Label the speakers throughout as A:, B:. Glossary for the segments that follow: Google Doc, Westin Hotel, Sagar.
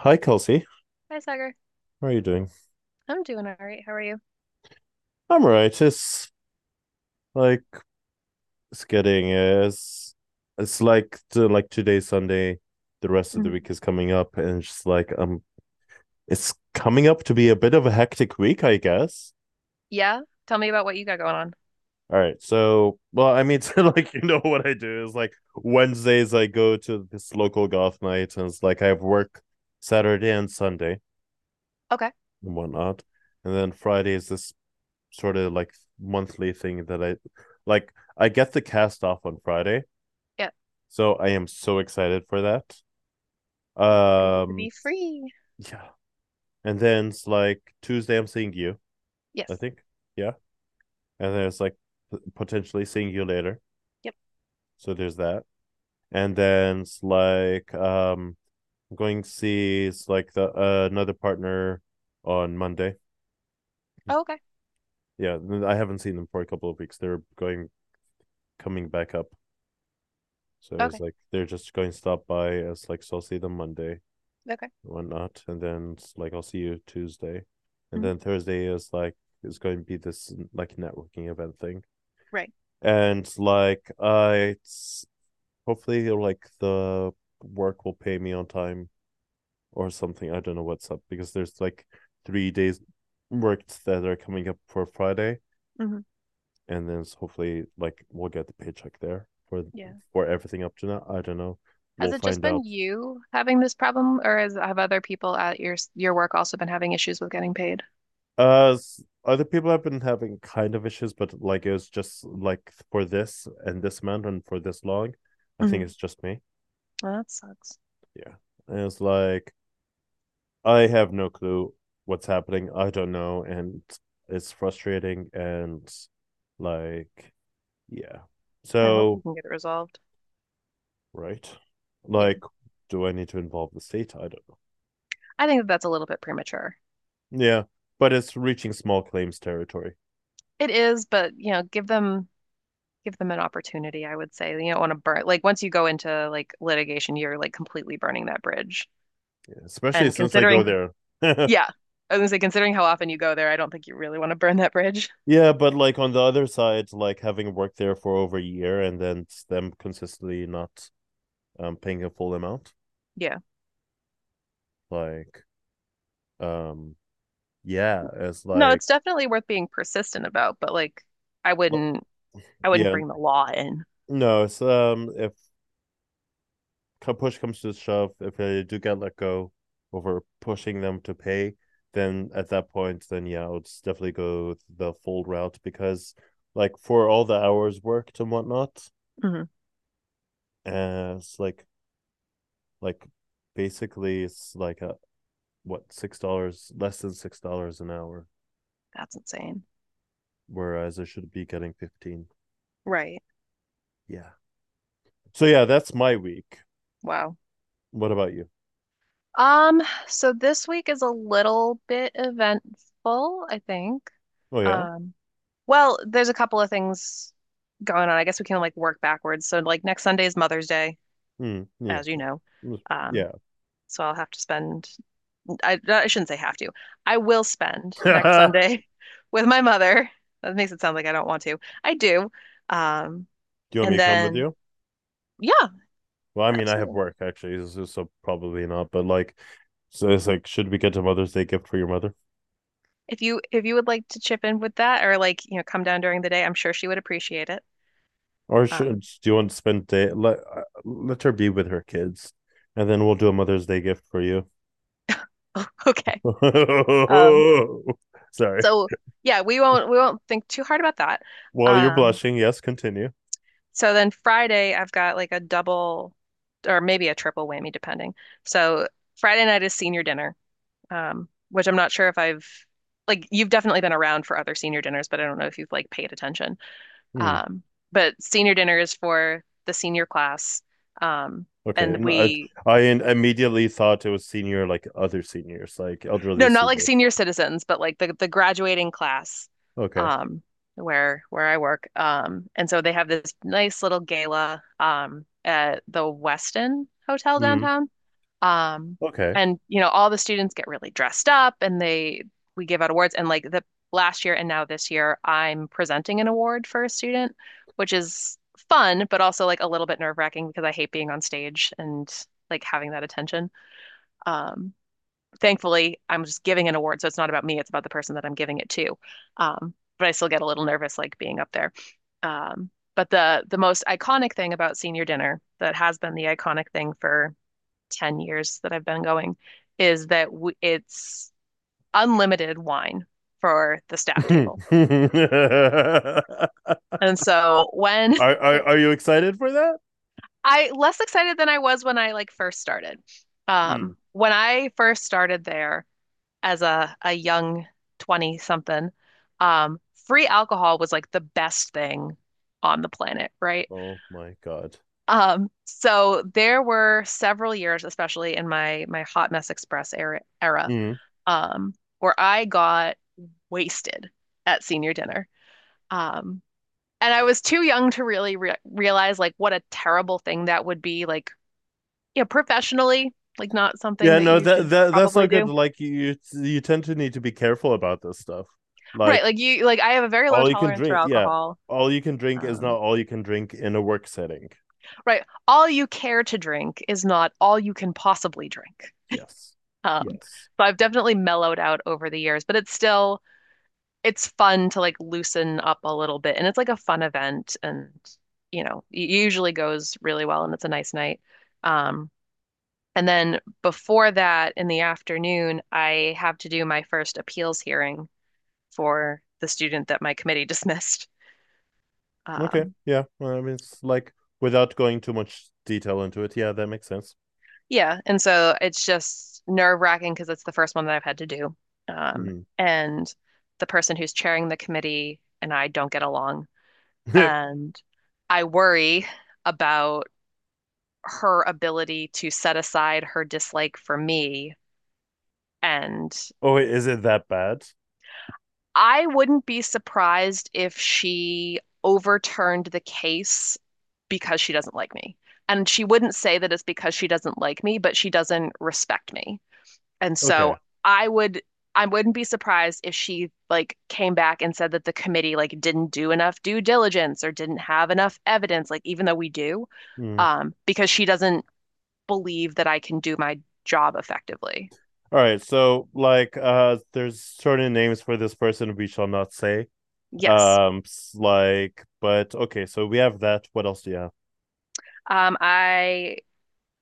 A: Hi, Kelsey.
B: Hi, Sagar.
A: How are you doing?
B: I'm doing all right. How are you?
A: I'm all right. It's like it's getting it's like to, like today's Sunday. The rest of the
B: Mhm.
A: week is coming up, and it's just like it's coming up to be a bit of a hectic week, I guess.
B: Yeah. Tell me about what you got going on.
A: All right. So, well, I mean, so like you know what I do is like Wednesdays I go to this local goth night, and it's like I have work Saturday and Sunday
B: Okay.
A: and whatnot, and then Friday is this sort of like monthly thing that I like I get the cast off on Friday.
B: Yeah.
A: So I am so excited for that.
B: Be able to
A: Um
B: be free.
A: yeah. And then it's like Tuesday I'm seeing you, I
B: Yes.
A: think. Yeah. And then it's like potentially seeing you later.
B: Yep.
A: So there's that. And then it's like I'm going to see it's like the another partner on Monday.
B: Oh, okay.
A: Yeah, I haven't seen them for a couple of weeks. They're going coming back up. So it's
B: Okay.
A: like they're just going to stop by. It's like so I'll see them Monday,
B: Okay.
A: and whatnot, and then it's like I'll see you Tuesday, and then
B: Hmm.
A: Thursday is like it's going to be this like networking event thing,
B: Right.
A: and like I it's hopefully like the work will pay me on time or something. I don't know what's up because there's like 3 days worked that are coming up for Friday,
B: Hmm.
A: and then hopefully like we'll get the paycheck there for
B: Yeah.
A: for everything up to now. I don't know.
B: Has
A: We'll
B: it just
A: find out.
B: been you having this problem, have other people at your work also been having issues with getting paid?
A: Uh, Other people have been having kind of issues, but like it was just like for this and this amount and for this long. I think
B: Hmm.
A: it's just me.
B: Well, that sucks.
A: Yeah. And it's like I have no clue what's happening. I don't know, and it's frustrating and like yeah.
B: I hope you
A: So
B: can get it resolved.
A: right,
B: Yeah.
A: like, do I need to involve the state? I don't know.
B: I think that that's a little bit premature.
A: Yeah, but it's reaching small claims territory,
B: It is, but you know, give them an opportunity, I would say. You don't want to burn like once you go into like litigation, you're like completely burning that bridge.
A: yeah, especially
B: And
A: since I go
B: considering,
A: there.
B: yeah, I was gonna say considering how often you go there, I don't think you really want to burn that bridge.
A: Yeah, but like on the other side, like having worked there for over a year and then them consistently not paying a full amount,
B: Yeah.
A: like um yeah, it's
B: No,
A: like
B: it's definitely worth being persistent about, but like I wouldn't I wouldn't
A: yeah,
B: bring the law in.
A: no, it's if push comes to shove, if they do get let go over pushing them to pay, then at that point, then yeah, I would definitely go the full route because like for all the hours worked and whatnot,
B: Mm-hmm.
A: it's like like basically it's like a, what, $6, less than $6 an hour,
B: That's insane.
A: whereas I should be getting 15.
B: Right.
A: Yeah. So yeah, that's my week.
B: Wow.
A: What about you?
B: Um, so this week is a little bit eventful, I think.
A: Oh yeah.
B: Um, Well, there's a couple of things going on. I guess we can like work backwards. So like next Sunday is Mother's Day,
A: Hmm. Yeah.
B: as you know. Um,
A: Yeah.
B: so I shouldn't say have to. I will spend next Sunday with my mother. That makes it sound like I don't want to. I do. Um,
A: Do you want me
B: and
A: to come with
B: then
A: you?
B: yeah,
A: Well, I mean, I have
B: absolutely.
A: work actually, so probably not. But like, so it's like, should we get a Mother's Day gift for your mother,
B: If you would like to chip in with that or like, you know, come down during the day, I'm sure she would appreciate it.
A: or should
B: Um,
A: do you want to spend day, let her be with her kids, and then we'll do a Mother's Day gift for you.
B: okay. Um,
A: Sorry.
B: so yeah, we won't think too hard about that.
A: While you're
B: Um,
A: blushing, yes, continue.
B: So then Friday, I've got like a double or maybe a triple whammy, depending. So Friday night is senior dinner, which I'm not sure if I've like you've definitely been around for other senior dinners, but I don't know if you've like paid attention.
A: Hmm.
B: Um, but senior dinner is for the senior class. Um,
A: Okay,
B: and
A: and I
B: we
A: I in- immediately thought it was senior, like other seniors, like elderly
B: no, not like
A: seniors.
B: senior citizens, but like the graduating class,
A: Okay.
B: um, where I work. And so they have this nice little gala, at the Westin Hotel
A: Mm,
B: downtown. Um,
A: okay.
B: and you know, all the students get really dressed up, and they we give out awards. And like the last year and now this year, I'm presenting an award for a student, which is fun, but also like a little bit nerve-wracking because I hate being on stage and like having that attention. Um, thankfully, I'm just giving an award, so it's not about me. It's about the person that I'm giving it to. But I still get a little nervous, like being up there. Um, but the most iconic thing about senior dinner that has been the iconic thing for 10 years that I've been going is that it's unlimited wine for the staff
A: are,
B: table. And so when
A: are you excited for that?
B: I less excited than I was when I like first started.
A: Mm.
B: When I first started there, as a young 20 something, um, free alcohol was like the best thing on the planet, right?
A: Oh my god.
B: So there were several years, especially in my Hot Mess Express era,
A: Mm.
B: um, where I got wasted at senior dinner. Um, and I was too young to really re realize like what a terrible thing that would be, like, yeah, professionally, like not something
A: Yeah,
B: that
A: no,
B: you
A: that
B: should
A: that that's
B: probably
A: not good.
B: do.
A: Like you tend to need to be careful about this stuff.
B: Right,
A: Like
B: like I have a very low
A: all you can
B: tolerance for
A: drink, yeah,
B: alcohol.
A: all you can drink is not
B: Um,
A: all you can drink in a work setting.
B: Right. All you care to drink is not all you can possibly drink.
A: Yes. Yes.
B: So I've definitely mellowed out over the years, but it's still it's fun to like loosen up a little bit and it's like a fun event and you know, it usually goes really well and it's a nice night. Um, and then before that in the afternoon, I have to do my first appeals hearing for the student that my committee dismissed.
A: Okay.
B: Um,
A: Yeah. Well, I mean, it's like without going too much detail into it. Yeah, that makes sense.
B: Yeah, and so it's just nerve wracking because it's the first one that I've had to do. Um,
A: Mm.
B: and the person who's chairing the committee and I don't get along. And I worry about her ability to set aside her dislike for me. And
A: Oh, wait, is it that bad?
B: I wouldn't be surprised if she overturned the case because she doesn't like me. And she wouldn't say that it's because she doesn't like me, but she doesn't respect me. And
A: Okay.
B: so I would I wouldn't be surprised if she like came back and said that the committee like didn't do enough due diligence or didn't have enough evidence, like even though we do,
A: Mm.
B: because she doesn't believe that I can do my job effectively.
A: All right. So, like, there's certain names for this person we shall not say.
B: Yes.
A: Like, but okay. So we have that. What else do you have?
B: I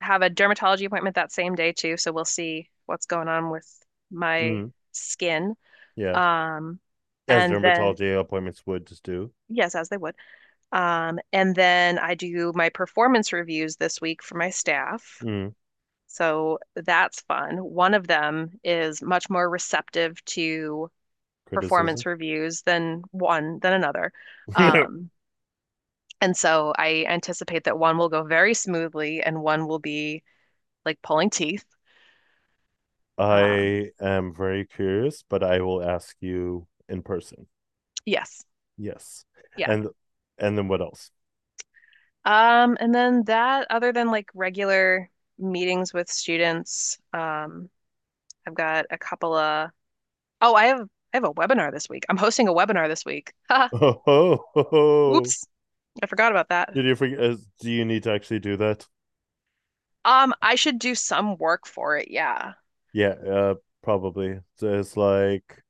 B: have a dermatology appointment that same day too, so we'll see what's going on with my
A: Mm.
B: skin.
A: Yeah.
B: Um,
A: As
B: and then
A: dermatology appointments would just do.
B: yes, as they would. And then I do my performance reviews this week for my staff.
A: Mm.
B: So that's fun. One of them is much more receptive to
A: Criticism.
B: performance reviews than one than another. Um, and so I anticipate that one will go very smoothly and one will be like pulling teeth. Um,
A: I am very curious, but I will ask you in person.
B: yes.
A: Yes.
B: Yeah.
A: And and then what else?
B: And then that, other than like regular meetings with students, I've got a couple of Oh, I have a webinar this week. I'm hosting a webinar this week. Ha,
A: Oh, ho, ho, ho.
B: oops, I forgot about that.
A: Did you forget? Do you need to actually do that?
B: I should do some work for it. Yeah.
A: Yeah, probably. So it's like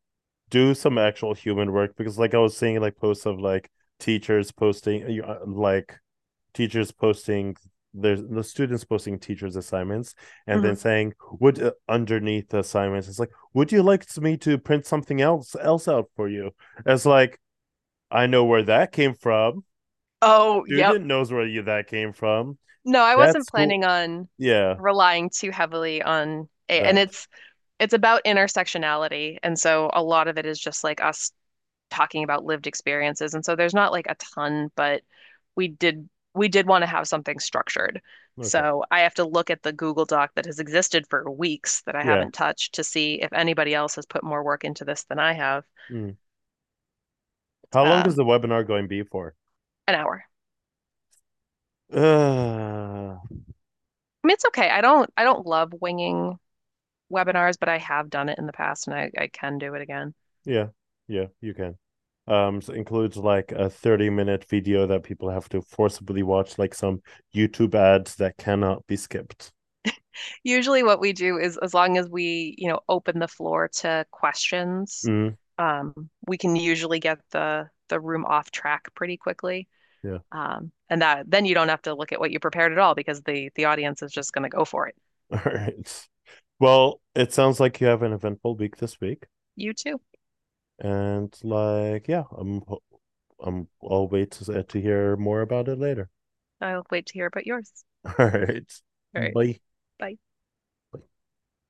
A: do some actual human work because, like, I was seeing like posts of like teachers posting there's the students posting teachers' assignments and then
B: Hmm.
A: saying, "Would Underneath the assignments, it's like, would you like me to print something else out for you?" It's like I know where that came from.
B: Oh, yep.
A: Student knows where you, that came from.
B: No, I wasn't
A: That's cool.
B: planning on
A: Yeah,
B: relying too heavily on a, and
A: that.
B: it's about intersectionality, and so a lot of it is just like us talking about lived experiences. And so there's not like a ton, but we did we did want to have something structured.
A: Okay.
B: So I have to look at the Google Doc that has existed for weeks that I
A: Yeah.
B: haven't touched to see if anybody else has put more work into this than I have.
A: Mm. How long is
B: Um,
A: the webinar going to be for?
B: an hour.
A: Uh,
B: I mean, it's okay. I don't love winging webinars, but I have done it in the past and I can do it again.
A: yeah. Yeah, you can. So includes like a 30-minute video that people have to forcibly watch, like some YouTube ads that cannot be skipped.
B: Usually what we do is as long as we, you know, open the floor to questions,
A: Mm.
B: um, we can usually get the room off track pretty quickly.
A: Yeah.
B: And that then you don't have to look at what you prepared at all because the audience is just going to go for it.
A: All right. Well, it sounds like you have an eventful week this week,
B: You too.
A: and like, yeah, I'll wait to hear more about it later.
B: I'll wait to hear about yours.
A: All right.
B: All right.
A: Bye.
B: Bye.